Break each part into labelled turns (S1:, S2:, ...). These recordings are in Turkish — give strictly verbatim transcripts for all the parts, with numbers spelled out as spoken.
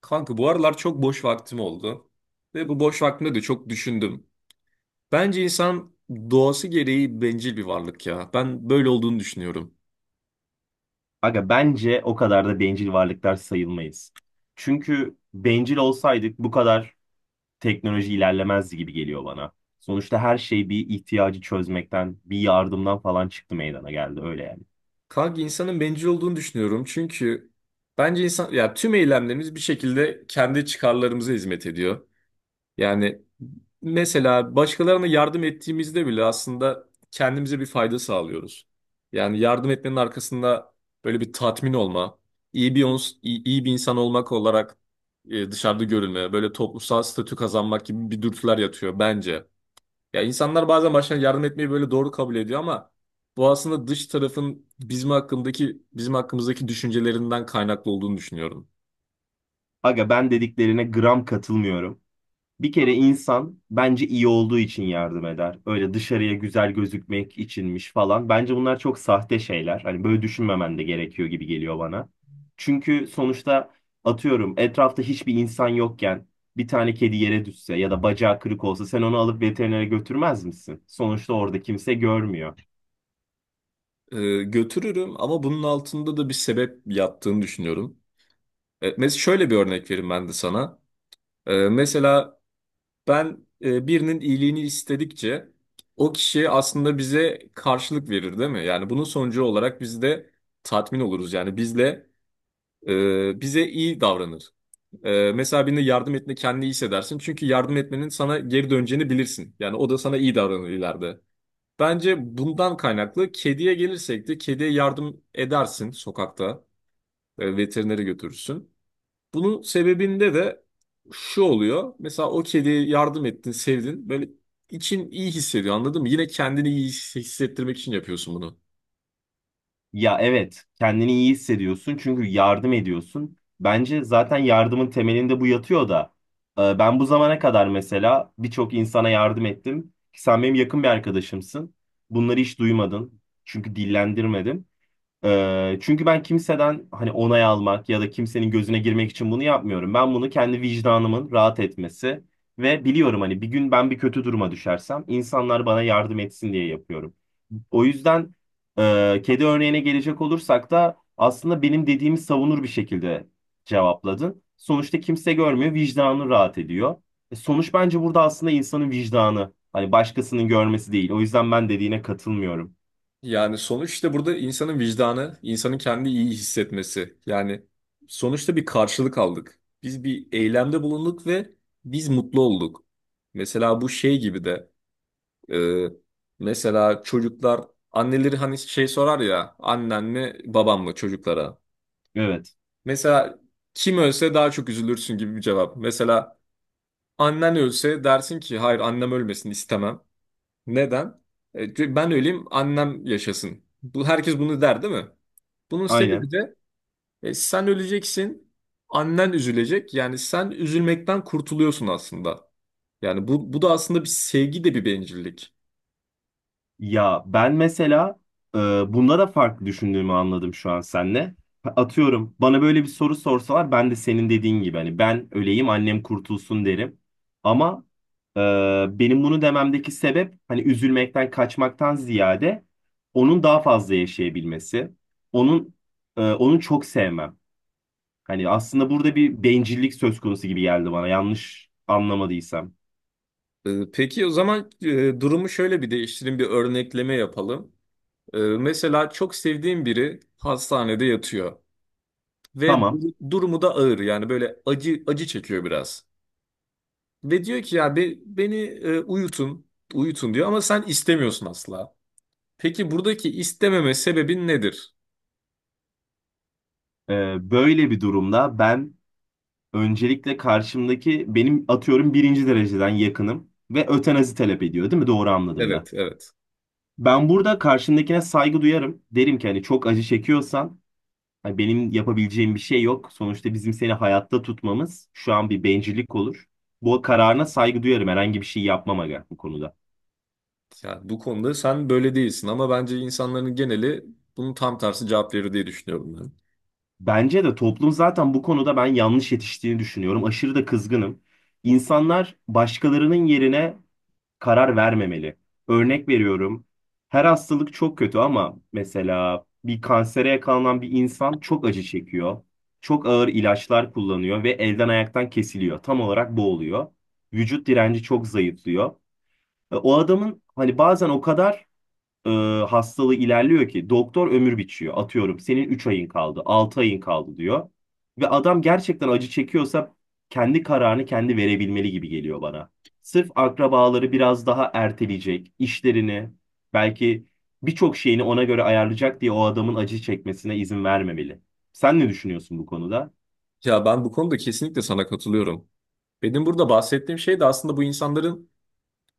S1: Kanka bu aralar çok boş vaktim oldu. Ve bu boş vaktimde de çok düşündüm. Bence insan doğası gereği bencil bir varlık ya. Ben böyle olduğunu düşünüyorum.
S2: Aga bence o kadar da bencil varlıklar sayılmayız. Çünkü bencil olsaydık bu kadar teknoloji ilerlemezdi gibi geliyor bana. Sonuçta her şey bir ihtiyacı çözmekten, bir yardımdan falan çıktı meydana geldi öyle yani.
S1: Kanka insanın bencil olduğunu düşünüyorum. Çünkü bence insan ya tüm eylemlerimiz bir şekilde kendi çıkarlarımıza hizmet ediyor. Yani mesela başkalarına yardım ettiğimizde bile aslında kendimize bir fayda sağlıyoruz. Yani yardım etmenin arkasında böyle bir tatmin olma, iyi bir ons- iyi, iyi bir insan olmak olarak e, dışarıda görülme, böyle toplumsal statü kazanmak gibi bir dürtüler yatıyor bence. Ya insanlar bazen başkalarına yardım etmeyi böyle doğru kabul ediyor ama bu aslında dış tarafın bizim hakkındaki bizim hakkımızdaki düşüncelerinden kaynaklı olduğunu düşünüyorum.
S2: Aga ben dediklerine gram katılmıyorum. Bir kere insan bence iyi olduğu için yardım eder. Öyle dışarıya güzel gözükmek içinmiş falan. Bence bunlar çok sahte şeyler. Hani böyle düşünmemen de gerekiyor gibi geliyor bana. Çünkü sonuçta atıyorum etrafta hiçbir insan yokken bir tane kedi yere düşse ya da bacağı kırık olsa sen onu alıp veterinere götürmez misin? Sonuçta orada kimse görmüyor.
S1: E, götürürüm ama bunun altında da bir sebep yattığını düşünüyorum. E, mes- şöyle bir örnek vereyim ben de sana. E, mesela ben e, birinin iyiliğini istedikçe o kişi aslında bize karşılık verir değil mi? Yani bunun sonucu olarak biz de tatmin oluruz. Yani bizle e, bize iyi davranır. E, mesela birine yardım etme kendini iyi hissedersin. Çünkü yardım etmenin sana geri döneceğini bilirsin. Yani o da sana iyi davranır ileride. Bence bundan kaynaklı kediye gelirsek de kediye yardım edersin sokakta. E, veterinere götürürsün. Bunun sebebinde de şu oluyor. Mesela o kediye yardım ettin, sevdin. Böyle için iyi hissediyor anladın mı? Yine kendini iyi his- hissettirmek için yapıyorsun bunu.
S2: Ya evet, kendini iyi hissediyorsun çünkü yardım ediyorsun. Bence zaten yardımın temelinde bu yatıyor da. e, Ben bu zamana kadar mesela birçok insana yardım ettim. Sen benim yakın bir arkadaşımsın. Bunları hiç duymadın. Çünkü dillendirmedim. Ee, çünkü ben kimseden hani onay almak ya da kimsenin gözüne girmek için bunu yapmıyorum. Ben bunu kendi vicdanımın rahat etmesi ve biliyorum hani bir gün ben bir kötü duruma düşersem insanlar bana yardım etsin diye yapıyorum. O yüzden e, kedi örneğine gelecek olursak da aslında benim dediğimi savunur bir şekilde cevapladın. Sonuçta kimse görmüyor, vicdanı rahat ediyor. E, sonuç bence burada aslında insanın vicdanı. Hani başkasının görmesi değil. O yüzden ben dediğine katılmıyorum.
S1: Yani sonuçta burada insanın vicdanı, insanın kendi iyi hissetmesi. Yani sonuçta bir karşılık aldık. Biz bir eylemde bulunduk ve biz mutlu olduk. Mesela bu şey gibi de e, mesela çocuklar anneleri hani şey sorar ya annen mi babam mı çocuklara.
S2: Evet,
S1: Mesela kim ölse daha çok üzülürsün gibi bir cevap. Mesela annen ölse dersin ki hayır annem ölmesin istemem. Neden? E, çünkü ben öleyim annem yaşasın. Bu, herkes bunu der değil mi? Bunun sebebi
S2: aynen.
S1: de e, sen öleceksin annen üzülecek. Yani sen üzülmekten kurtuluyorsun aslında. Yani bu, bu da aslında bir sevgi de bir bencillik.
S2: Ya ben mesela e, bunda da farklı düşündüğümü anladım şu an seninle. Atıyorum bana böyle bir soru sorsalar ben de senin dediğin gibi hani ben öleyim annem kurtulsun derim. Ama e, benim bunu dememdeki sebep hani üzülmekten kaçmaktan ziyade onun daha fazla yaşayabilmesi. Onun e, Onu çok sevmem. Hani aslında burada bir bencillik söz konusu gibi geldi bana yanlış anlamadıysam.
S1: E, peki o zaman e, durumu şöyle bir değiştirin bir örnekleme yapalım. E, mesela çok sevdiğin biri hastanede yatıyor. Ve
S2: Tamam.
S1: dur- durumu da ağır yani böyle acı acı çekiyor biraz. Ve diyor ki ya be- beni e, uyutun, uyutun diyor ama sen istemiyorsun asla. Peki buradaki istememe sebebin nedir?
S2: E, böyle bir durumda ben öncelikle karşımdaki benim atıyorum birinci dereceden yakınım ve ötenazi talep ediyor, değil mi? Doğru anladım ben.
S1: Evet, evet.
S2: Ben burada karşımdakine saygı duyarım. Derim ki hani çok acı çekiyorsan hani benim yapabileceğim bir şey yok. Sonuçta bizim seni hayatta tutmamız şu an bir bencillik olur. Bu kararına saygı duyarım. Herhangi bir şey yapmam aga bu konuda.
S1: Yani bu konuda sen böyle değilsin ama bence insanların geneli bunun tam tersi cevap verir diye düşünüyorum ben.
S2: Bence de toplum zaten bu konuda ben yanlış yetiştiğini düşünüyorum. Aşırı da kızgınım. İnsanlar başkalarının yerine karar vermemeli. Örnek veriyorum. Her hastalık çok kötü ama mesela bir kansere yakalanan bir insan çok acı çekiyor. Çok ağır ilaçlar kullanıyor ve elden ayaktan kesiliyor. Tam olarak bu oluyor. Vücut direnci çok zayıflıyor. E, O adamın hani bazen o kadar e, hastalığı ilerliyor ki doktor ömür biçiyor. Atıyorum senin üç ayın kaldı, altı ayın kaldı diyor. Ve adam gerçekten acı çekiyorsa kendi kararını kendi verebilmeli gibi geliyor bana. Sırf akrabaları biraz daha erteleyecek, işlerini, belki birçok şeyini ona göre ayarlayacak diye o adamın acı çekmesine izin vermemeli. Sen ne düşünüyorsun bu konuda?
S1: Ya ben bu konuda kesinlikle sana katılıyorum. Benim burada bahsettiğim şey de aslında bu insanların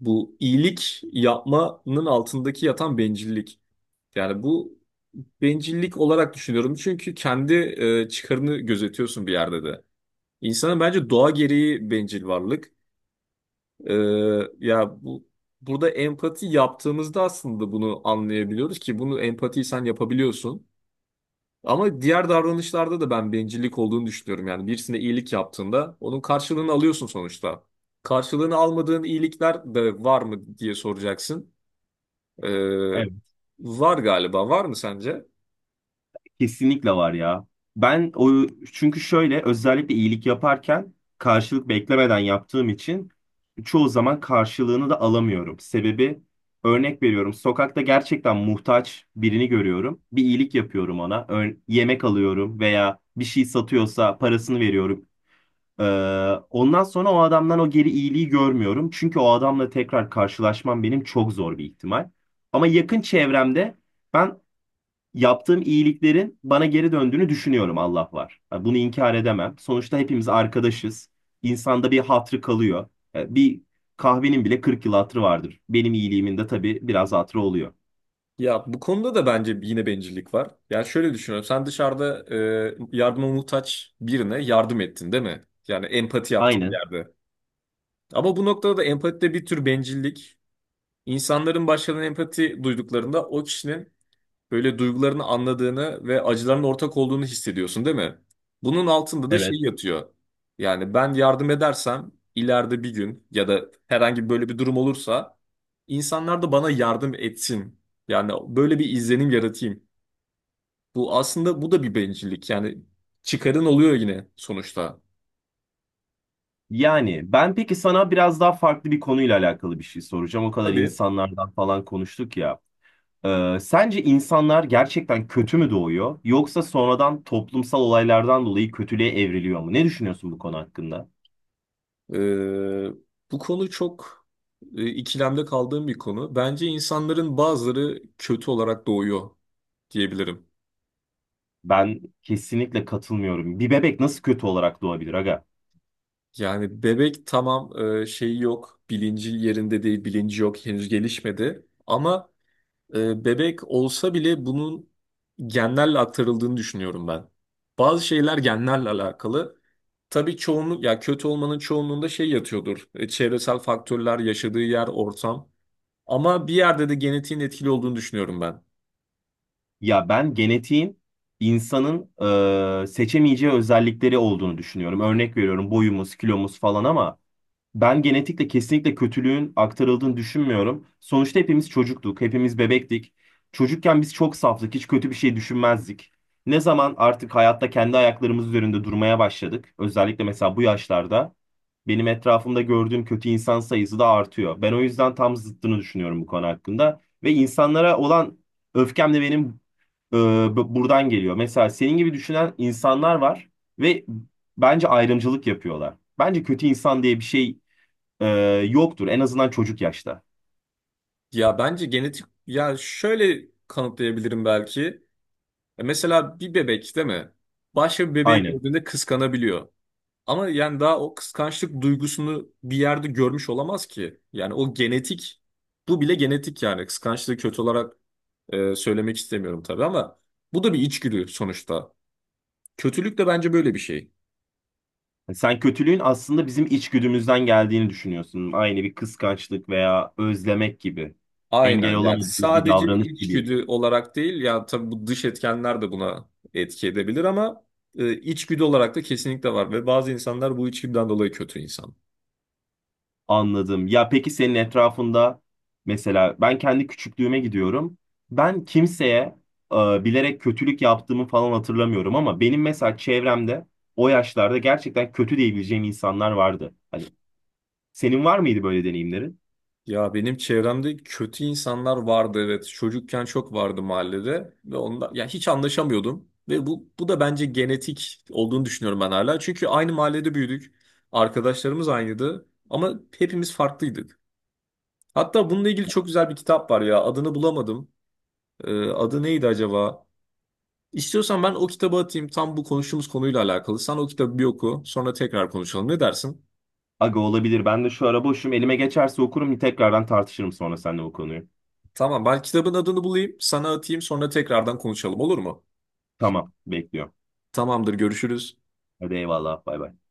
S1: bu iyilik yapmanın altındaki yatan bencillik. Yani bu bencillik olarak düşünüyorum. Çünkü kendi e, çıkarını gözetiyorsun bir yerde de. İnsanın bence doğa gereği bencil varlık. E, ya bu Burada empati yaptığımızda aslında bunu anlayabiliyoruz ki bunu empatiyi sen yapabiliyorsun. Ama diğer davranışlarda da ben bencillik olduğunu düşünüyorum. Yani birisine iyilik yaptığında onun karşılığını alıyorsun sonuçta. Karşılığını almadığın iyilikler de var mı diye soracaksın. E,
S2: Evet,
S1: Var galiba. Var mı sence?
S2: kesinlikle var ya. Ben o çünkü şöyle özellikle iyilik yaparken karşılık beklemeden yaptığım için çoğu zaman karşılığını da alamıyorum. Sebebi örnek veriyorum. Sokakta gerçekten muhtaç birini görüyorum. Bir iyilik yapıyorum ona. Ör- yemek alıyorum veya bir şey satıyorsa parasını veriyorum. Ee, Ondan sonra o adamdan o geri iyiliği görmüyorum. Çünkü o adamla tekrar karşılaşmam benim çok zor bir ihtimal. Ama yakın çevremde ben yaptığım iyiliklerin bana geri döndüğünü düşünüyorum Allah var. Yani bunu inkar edemem. Sonuçta hepimiz arkadaşız. İnsanda bir hatrı kalıyor. Yani bir kahvenin bile kırk yıl hatrı vardır. Benim iyiliğimin de tabii biraz hatrı oluyor.
S1: Ya bu konuda da bence yine bencillik var. Yani şöyle düşünüyorum. Sen dışarıda e, yardıma muhtaç birine yardım ettin, değil mi? Yani empati yaptın bir
S2: Aynen.
S1: yerde. Ama bu noktada da empatide bir tür bencillik. İnsanların başkalarına empati duyduklarında o kişinin böyle duygularını anladığını ve acılarının ortak olduğunu hissediyorsun, değil mi? Bunun altında da şey
S2: Evet.
S1: yatıyor. Yani ben yardım edersem ileride bir gün ya da herhangi böyle bir durum olursa insanlar da bana yardım etsin. Yani böyle bir izlenim yaratayım. Bu aslında bu da bir bencillik. Yani çıkarın oluyor yine sonuçta.
S2: Yani ben peki sana biraz daha farklı bir konuyla alakalı bir şey soracağım. O kadar
S1: Tabii.
S2: insanlardan falan konuştuk ya. Ee, sence insanlar gerçekten kötü mü doğuyor yoksa sonradan toplumsal olaylardan dolayı kötülüğe evriliyor mu? Ne düşünüyorsun bu konu hakkında?
S1: eee, Bu konu çok e, ikilemde kaldığım bir konu. Bence insanların bazıları kötü olarak doğuyor diyebilirim.
S2: Ben kesinlikle katılmıyorum. Bir bebek nasıl kötü olarak doğabilir aga?
S1: Yani bebek tamam e, şeyi yok, bilinci yerinde değil, bilinci yok, henüz gelişmedi. Ama e, bebek olsa bile bunun genlerle aktarıldığını düşünüyorum ben. Bazı şeyler genlerle alakalı. Tabii çoğunluk, ya kötü olmanın çoğunluğunda şey yatıyordur. E, çevresel faktörler, yaşadığı yer, ortam. Ama bir yerde de genetiğin etkili olduğunu düşünüyorum ben.
S2: Ya ben genetiğin insanın e, seçemeyeceği özellikleri olduğunu düşünüyorum. Örnek veriyorum boyumuz, kilomuz falan ama ben genetikle kesinlikle kötülüğün aktarıldığını düşünmüyorum. Sonuçta hepimiz çocuktuk, hepimiz bebektik. Çocukken biz çok saftık, hiç kötü bir şey düşünmezdik. Ne zaman artık hayatta kendi ayaklarımız üzerinde durmaya başladık, özellikle mesela bu yaşlarda. Benim etrafımda gördüğüm kötü insan sayısı da artıyor. Ben o yüzden tam zıttını düşünüyorum bu konu hakkında. Ve insanlara olan öfkem de benim e, bu- buradan geliyor. Mesela senin gibi düşünen insanlar var ve bence ayrımcılık yapıyorlar. Bence kötü insan diye bir şey e, yoktur. En azından çocuk yaşta.
S1: Ya bence genetik, ya şöyle kanıtlayabilirim belki. E, mesela bir bebek değil mi? Başka bir bebeği
S2: Aynen.
S1: gördüğünde kıskanabiliyor. Ama yani daha o kıskançlık duygusunu bir yerde görmüş olamaz ki. Yani o genetik, bu bile genetik yani. Kıskançlığı kötü olarak e, söylemek istemiyorum tabii ama bu da bir içgüdü sonuçta. Kötülük de bence böyle bir şey.
S2: Yani sen kötülüğün aslında bizim içgüdümüzden geldiğini düşünüyorsun. Aynı bir kıskançlık veya özlemek gibi. Engel
S1: Aynen yani
S2: olamadığımız bir
S1: sadece
S2: davranış gibi.
S1: içgüdü olarak değil ya tabii bu dış etkenler de buna etki edebilir ama e, içgüdü olarak da kesinlikle var ve bazı insanlar bu içgüdüden dolayı kötü insan.
S2: Anladım. Ya peki senin etrafında mesela ben kendi küçüklüğüme gidiyorum. Ben kimseye e, bilerek kötülük yaptığımı falan hatırlamıyorum ama benim mesela çevremde o yaşlarda gerçekten kötü diyebileceğim insanlar vardı. Hani senin var mıydı böyle deneyimlerin?
S1: Ya benim çevremde kötü insanlar vardı evet. Çocukken çok vardı mahallede ve onda ya hiç anlaşamıyordum ve bu bu da bence genetik olduğunu düşünüyorum ben hala. Çünkü aynı mahallede büyüdük. Arkadaşlarımız aynıydı ama hepimiz farklıydık. Hatta bununla ilgili çok güzel bir kitap var ya. Adını bulamadım. Ee, adı neydi acaba? İstiyorsan ben o kitabı atayım tam bu konuştuğumuz konuyla alakalı. Sen o kitabı bir oku, sonra tekrar konuşalım. Ne dersin?
S2: Aga olabilir. Ben de şu ara boşum. Elime geçerse okurum. Tekrardan tartışırım sonra seninle bu konuyu.
S1: Tamam, ben kitabın adını bulayım, sana atayım, sonra tekrardan konuşalım olur mu?
S2: Tamam, bekliyorum.
S1: Tamamdır, görüşürüz.
S2: Hadi eyvallah. Bay bay.